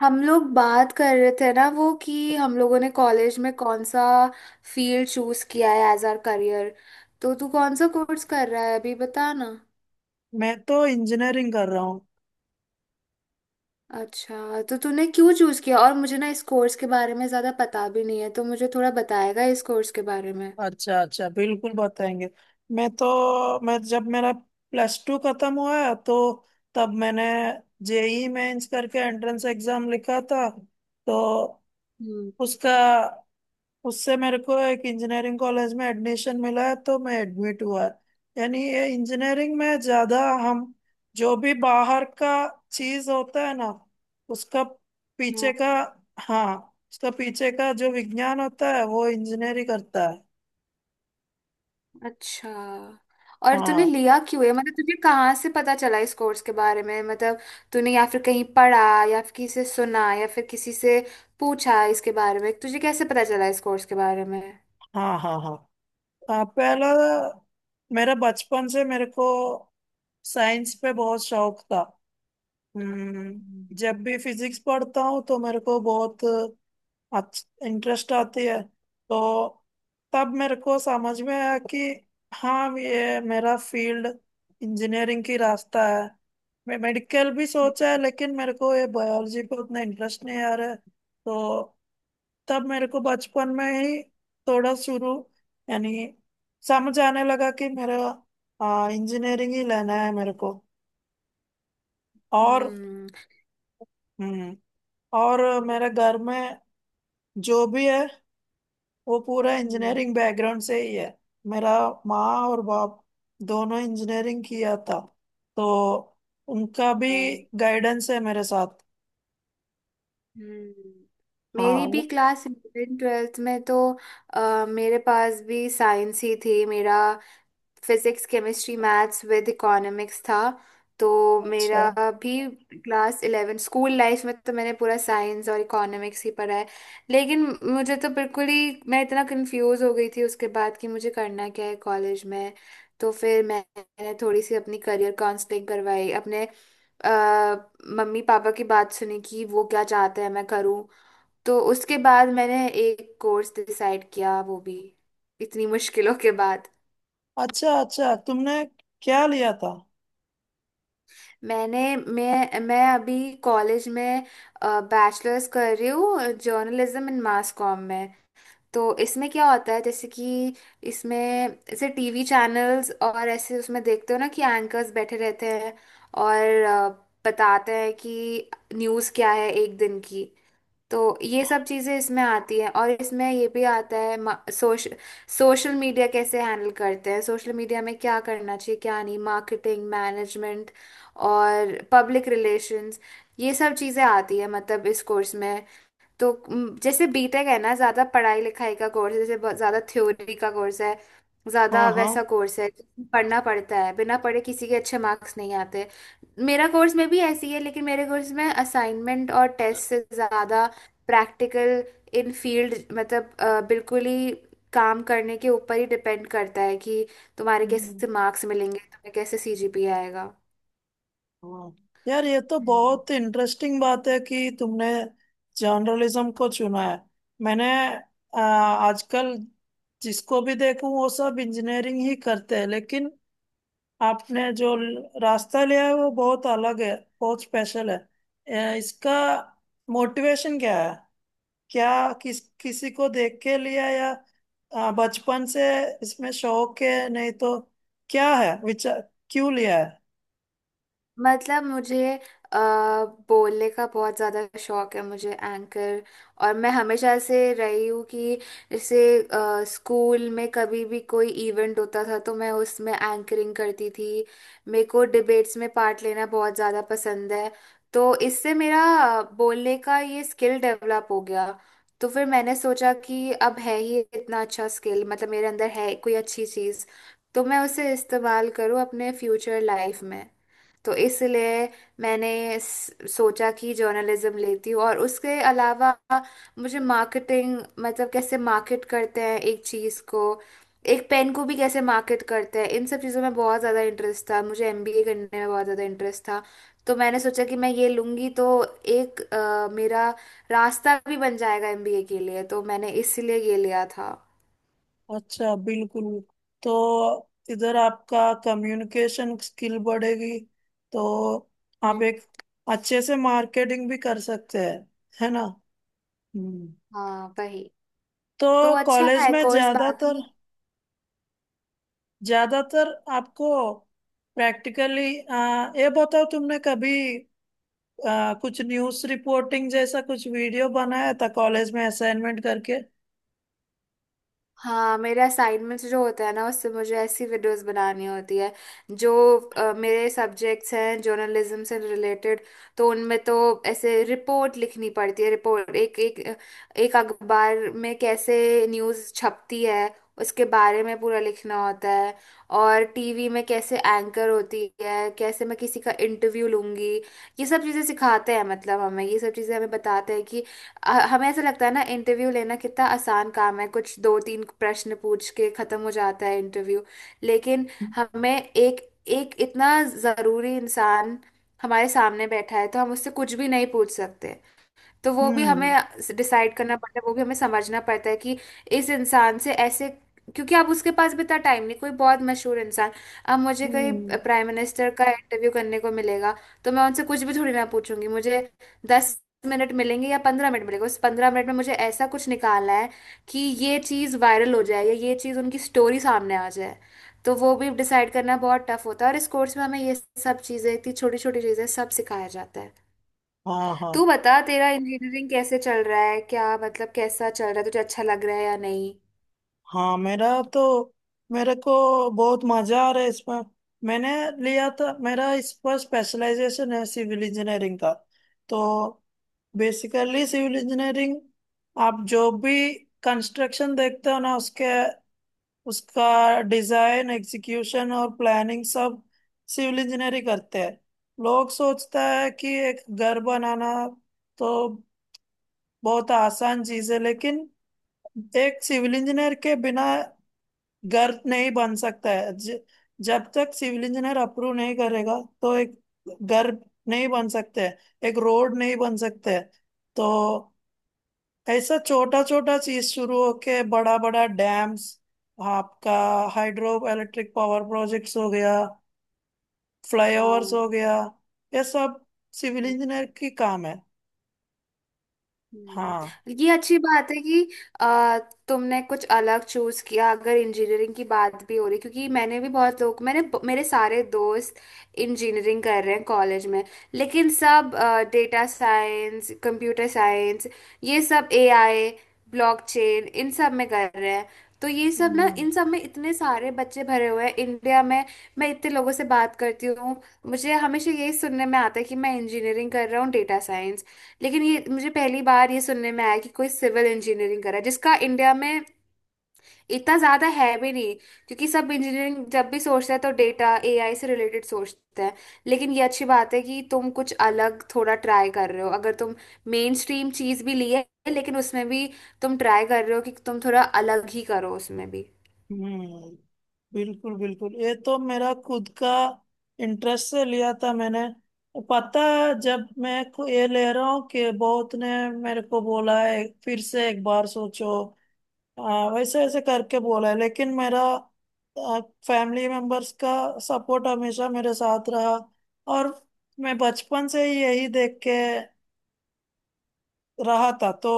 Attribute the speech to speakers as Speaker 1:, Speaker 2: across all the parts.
Speaker 1: हम लोग बात कर रहे थे ना वो कि हम लोगों ने कॉलेज में कौन सा फील्ड चूज किया है एज आर करियर। तो तू कौन सा कोर्स कर रहा है अभी बता ना।
Speaker 2: मैं तो इंजीनियरिंग कर रहा हूँ।
Speaker 1: अच्छा, तो तूने क्यों चूज किया और मुझे ना इस कोर्स के बारे में ज्यादा पता भी नहीं है तो मुझे थोड़ा बताएगा इस कोर्स के बारे में।
Speaker 2: अच्छा अच्छा, बिल्कुल बताएंगे। मैं जब मेरा +2 खत्म हुआ, तो तब मैंने जेई मेंस करके एंट्रेंस एग्जाम लिखा था। तो
Speaker 1: हम्म।
Speaker 2: उसका उससे मेरे को एक इंजीनियरिंग कॉलेज में एडमिशन मिला है, तो मैं एडमिट हुआ। यानी ये इंजीनियरिंग में ज्यादा हम जो भी बाहर का चीज होता है ना, उसका पीछे का, हाँ उसका पीछे का जो विज्ञान होता है, वो इंजीनियरिंग करता है।
Speaker 1: अच्छा। और तूने
Speaker 2: हाँ
Speaker 1: लिया क्यों है मतलब तुझे कहाँ से पता चला इस कोर्स के बारे में मतलब तूने या फिर कहीं पढ़ा या फिर किसी से सुना या फिर किसी से पूछा इसके बारे में तुझे कैसे पता चला इस कोर्स के बारे में।
Speaker 2: हाँ, हाँ, हाँ। हाँ, पहला, मेरा बचपन से मेरे को साइंस पे बहुत शौक था।
Speaker 1: हम्म।
Speaker 2: हम्म। जब भी फिजिक्स पढ़ता हूँ तो मेरे को बहुत अच्छा इंटरेस्ट आती है। तो तब मेरे को समझ में आया कि हाँ, ये मेरा फील्ड इंजीनियरिंग की रास्ता है। मैं मेडिकल भी सोचा है, लेकिन मेरे को ये बायोलॉजी पे उतना इंटरेस्ट नहीं आ रहा है। तो तब मेरे को बचपन में ही थोड़ा शुरू, यानी समझ आने लगा कि मेरा इंजीनियरिंग ही लेना है मेरे को। और
Speaker 1: हम्म।
Speaker 2: हम्म, और मेरे घर में जो भी है वो पूरा
Speaker 1: हम्म।
Speaker 2: इंजीनियरिंग बैकग्राउंड से ही है। मेरा माँ और बाप दोनों इंजीनियरिंग किया था, तो उनका भी
Speaker 1: हम्म।
Speaker 2: गाइडेंस है मेरे साथ।
Speaker 1: हम्म।
Speaker 2: हाँ,
Speaker 1: मेरी भी
Speaker 2: वो
Speaker 1: क्लास इलेवन ट्वेल्थ में तो मेरे पास भी साइंस ही थी। मेरा physics chemistry maths with economics था। तो
Speaker 2: अच्छा,
Speaker 1: मेरा भी क्लास इलेवन स्कूल लाइफ में तो मैंने पूरा साइंस और इकोनॉमिक्स ही पढ़ा है। लेकिन मुझे तो बिल्कुल ही मैं इतना कंफ्यूज हो गई थी उसके बाद कि मुझे करना क्या है कॉलेज में। तो फिर मैंने थोड़ी सी अपनी करियर काउंसलिंग करवाई अपने अ, मम्मी पापा की बात सुनी कि वो क्या चाहते हैं मैं करूं। तो उसके बाद मैंने एक कोर्स डिसाइड किया वो भी इतनी मुश्किलों के बाद।
Speaker 2: अच्छा। अच्छा तुमने क्या लिया था?
Speaker 1: मैं अभी कॉलेज में बैचलर्स कर रही हूँ जर्नलिज्म इन मास कॉम में। तो इसमें क्या होता है जैसे कि इसमें ऐसे टीवी चैनल्स और ऐसे उसमें देखते हो ना कि एंकर्स बैठे रहते हैं और बताते हैं कि न्यूज़ क्या है एक दिन की। तो ये सब चीजें इसमें आती हैं और इसमें ये भी आता है सोशल मीडिया कैसे हैंडल करते हैं सोशल मीडिया में क्या करना चाहिए क्या नहीं मार्केटिंग मैनेजमेंट और पब्लिक रिलेशंस ये सब चीजें आती है मतलब इस कोर्स में। तो जैसे बीटेक है ना ज्यादा पढ़ाई लिखाई का कोर्स है जैसे बहुत ज्यादा थ्योरी का कोर्स है ज्यादा
Speaker 2: हाँ, हाँ।
Speaker 1: वैसा कोर्स है जिसमें पढ़ना पड़ता है बिना पढ़े किसी के अच्छे मार्क्स नहीं आते। मेरा कोर्स में भी ऐसी है लेकिन मेरे कोर्स में असाइनमेंट और टेस्ट से ज्यादा प्रैक्टिकल इन फील्ड मतलब बिल्कुल ही काम करने के ऊपर ही डिपेंड करता है कि तुम्हारे
Speaker 2: हम्म,
Speaker 1: कैसे मार्क्स मिलेंगे तुम्हें कैसे सीजीपीए आएगा।
Speaker 2: हाँ, यार ये तो बहुत इंटरेस्टिंग बात है कि तुमने जर्नलिज्म को चुना है। मैंने, आजकल जिसको भी देखूं वो सब इंजीनियरिंग ही करते हैं, लेकिन आपने जो रास्ता लिया है वो बहुत अलग है, बहुत स्पेशल है। इसका मोटिवेशन क्या है? क्या किस किसी को देख के लिया, या बचपन से इसमें शौक है, नहीं तो क्या है विचार, क्यों लिया है?
Speaker 1: मतलब मुझे बोलने का बहुत ज़्यादा शौक है मुझे एंकर और मैं हमेशा से रही हूँ कि जैसे स्कूल में कभी भी कोई इवेंट होता था तो मैं उसमें एंकरिंग करती थी। मेरे को डिबेट्स में पार्ट लेना बहुत ज़्यादा पसंद है। तो इससे मेरा बोलने का ये स्किल डेवलप हो गया। तो फिर मैंने सोचा कि अब है ही इतना अच्छा स्किल मतलब मेरे अंदर है कोई अच्छी चीज़ तो मैं उसे इस्तेमाल करूँ अपने फ्यूचर लाइफ में। तो इसलिए मैंने सोचा कि जर्नलिज्म लेती हूँ और उसके अलावा मुझे मार्केटिंग मतलब कैसे मार्केट करते हैं एक चीज़ को एक पेन को भी कैसे मार्केट करते हैं इन सब चीज़ों में बहुत ज़्यादा इंटरेस्ट था मुझे एमबीए करने में बहुत ज़्यादा इंटरेस्ट था। तो मैंने सोचा कि मैं ये लूँगी तो एक मेरा रास्ता भी बन जाएगा एमबीए के लिए तो मैंने इसलिए ये लिया था।
Speaker 2: अच्छा, बिल्कुल। तो इधर आपका कम्युनिकेशन स्किल बढ़ेगी, तो आप
Speaker 1: हम्म।
Speaker 2: एक अच्छे से मार्केटिंग भी कर सकते हैं, है ना। हम्म।
Speaker 1: हाँ वही।
Speaker 2: तो
Speaker 1: तो अच्छा
Speaker 2: कॉलेज
Speaker 1: है
Speaker 2: में
Speaker 1: कोर्स
Speaker 2: ज्यादातर,
Speaker 1: बाकी।
Speaker 2: ज्यादातर आपको प्रैक्टिकली ये बताओ, तुमने कभी कुछ न्यूज़ रिपोर्टिंग जैसा कुछ वीडियो बनाया था कॉलेज में असाइनमेंट करके?
Speaker 1: हाँ मेरे असाइनमेंट्स जो होते हैं ना उससे मुझे ऐसी वीडियोस बनानी होती है जो मेरे सब्जेक्ट्स हैं जर्नलिज्म से रिलेटेड। तो उनमें तो ऐसे रिपोर्ट लिखनी पड़ती है रिपोर्ट एक एक एक अखबार में कैसे न्यूज़ छपती है उसके बारे में पूरा लिखना होता है। और टीवी में कैसे एंकर होती है कैसे मैं किसी का इंटरव्यू लूंगी ये सब चीज़ें सिखाते हैं मतलब हमें ये सब चीज़ें हमें बताते हैं कि हमें ऐसा लगता है ना इंटरव्यू लेना कितना आसान काम है कुछ दो तीन प्रश्न पूछ के खत्म हो जाता है इंटरव्यू। लेकिन हमें एक एक इतना जरूरी इंसान हमारे सामने बैठा है तो हम उससे कुछ भी नहीं पूछ सकते। तो वो भी हमें
Speaker 2: हम्म।
Speaker 1: डिसाइड करना पड़ता है वो भी हमें समझना पड़ता है कि इस इंसान से ऐसे, क्योंकि आप उसके पास भी इतना टाइम नहीं कोई बहुत मशहूर इंसान। अब मुझे कहीं
Speaker 2: हम्म।
Speaker 1: प्राइम मिनिस्टर का इंटरव्यू करने को मिलेगा तो मैं उनसे कुछ भी थोड़ी ना पूछूंगी। मुझे 10 मिनट मिलेंगे या 15 मिनट मिलेंगे उस 15 मिनट में मुझे ऐसा कुछ निकालना है कि ये चीज़ वायरल हो जाए या ये चीज़ उनकी स्टोरी सामने आ जाए। तो वो भी डिसाइड करना बहुत टफ होता है और इस कोर्स में हमें ये सब चीज़ें इतनी छोटी छोटी चीज़ें सब सिखाया जाता है।
Speaker 2: हाँ, हाँ,
Speaker 1: तू बता तेरा इंजीनियरिंग कैसे चल रहा है क्या मतलब कैसा चल रहा है तुझे अच्छा लग रहा है या नहीं।
Speaker 2: हाँ, मेरा तो मेरे को बहुत मजा आ रहा है इसमें। मैंने लिया था, मेरा इस पर स्पेशलाइजेशन है सिविल इंजीनियरिंग का। तो बेसिकली सिविल इंजीनियरिंग, आप जो भी कंस्ट्रक्शन देखते हो ना, उसके उसका डिजाइन, एग्जीक्यूशन और प्लानिंग सब सिविल इंजीनियर ही करते हैं। लोग सोचता है कि एक घर बनाना तो बहुत आसान चीज है, लेकिन एक सिविल इंजीनियर के बिना घर नहीं बन सकता है। जब तक सिविल इंजीनियर अप्रूव नहीं करेगा, तो एक घर नहीं बन सकते है, एक रोड नहीं बन सकते है। तो ऐसा छोटा छोटा चीज शुरू होके बड़ा बड़ा डैम्स, आपका हाइड्रो इलेक्ट्रिक पावर प्रोजेक्ट्स हो गया, फ्लाईओवर्स
Speaker 1: हाँ।
Speaker 2: हो गया, ये सब सिविल इंजीनियर की काम है।
Speaker 1: हम्म।
Speaker 2: हाँ।
Speaker 1: ये अच्छी बात है कि आ, तुमने कुछ अलग चूज किया अगर इंजीनियरिंग की बात भी हो रही क्योंकि मैंने भी बहुत लोग मैंने मेरे सारे दोस्त इंजीनियरिंग कर रहे हैं कॉलेज में। लेकिन सब डेटा साइंस कंप्यूटर साइंस ये सब एआई ब्लॉकचेन इन सब में कर रहे हैं। तो ये सब ना
Speaker 2: हम्म।
Speaker 1: इन सब में इतने सारे बच्चे भरे हुए हैं इंडिया में। मैं इतने लोगों से बात करती हूँ मुझे हमेशा यही सुनने में आता है कि मैं इंजीनियरिंग कर रहा हूँ डेटा साइंस। लेकिन ये मुझे पहली बार ये सुनने में आया कि कोई सिविल इंजीनियरिंग करा है, जिसका इंडिया में इतना ज्यादा है भी नहीं। क्योंकि सब इंजीनियरिंग जब भी सोचते हैं तो डेटा एआई से रिलेटेड सोचते हैं। लेकिन ये अच्छी बात है कि तुम कुछ अलग थोड़ा ट्राई कर रहे हो अगर तुम मेन स्ट्रीम चीज भी ली है लेकिन उसमें भी तुम ट्राई कर रहे हो कि तुम थोड़ा अलग ही करो उसमें भी।
Speaker 2: हम्म, बिल्कुल बिल्कुल, ये तो मेरा खुद का इंटरेस्ट से लिया था मैंने। पता है, जब मैं ये ले रहा हूँ कि बहुत ने मेरे को बोला है फिर से एक बार सोचो। हाँ, वैसे ऐसे करके बोला है, लेकिन मेरा फैमिली मेंबर्स का सपोर्ट हमेशा मेरे साथ रहा। और मैं बचपन से ही यही देख के रहा था, तो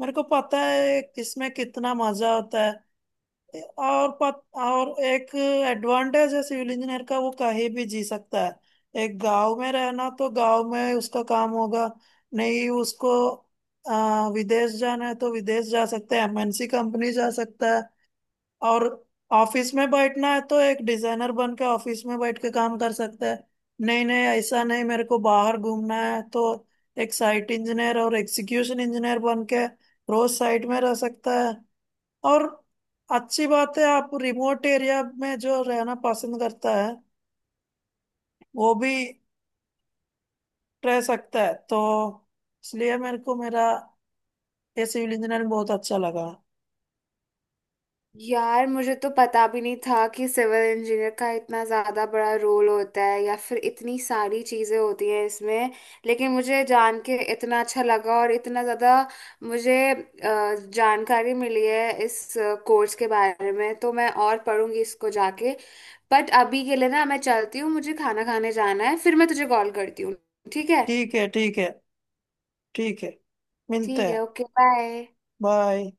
Speaker 2: मेरे को पता है इसमें कितना मजा होता है। और और एक एडवांटेज है सिविल इंजीनियर का, वो कहीं भी जी सकता है। एक गांव में रहना तो गांव में उसका काम होगा। नहीं उसको विदेश जाना है तो विदेश जा सकता है, एमएनसी कंपनी जा सकता है। और ऑफिस में बैठना है तो एक डिजाइनर बन के ऑफिस में बैठ के काम कर सकते हैं। नहीं, नहीं, ऐसा नहीं, मेरे को बाहर घूमना है तो एक साइट इंजीनियर और एग्जीक्यूशन इंजीनियर बन के रोज साइट में रह सकता है। और अच्छी बात है, आप रिमोट एरिया में जो रहना पसंद करता है वो भी रह सकता है। तो इसलिए मेरे को मेरा ये सिविल इंजीनियरिंग बहुत अच्छा लगा।
Speaker 1: यार मुझे तो पता भी नहीं था कि सिविल इंजीनियर का इतना ज़्यादा बड़ा रोल होता है या फिर इतनी सारी चीज़ें होती हैं इसमें। लेकिन मुझे जान के इतना अच्छा लगा और इतना ज़्यादा मुझे जानकारी मिली है इस कोर्स के बारे में तो मैं और पढ़ूंगी इसको जाके। बट अभी के लिए ना मैं चलती हूँ मुझे खाना खाने जाना है फिर मैं तुझे कॉल करती हूँ। ठीक है।
Speaker 2: ठीक है, ठीक है। ठीक है, मिलते
Speaker 1: ठीक
Speaker 2: हैं।
Speaker 1: है ओके बाय।
Speaker 2: बाय।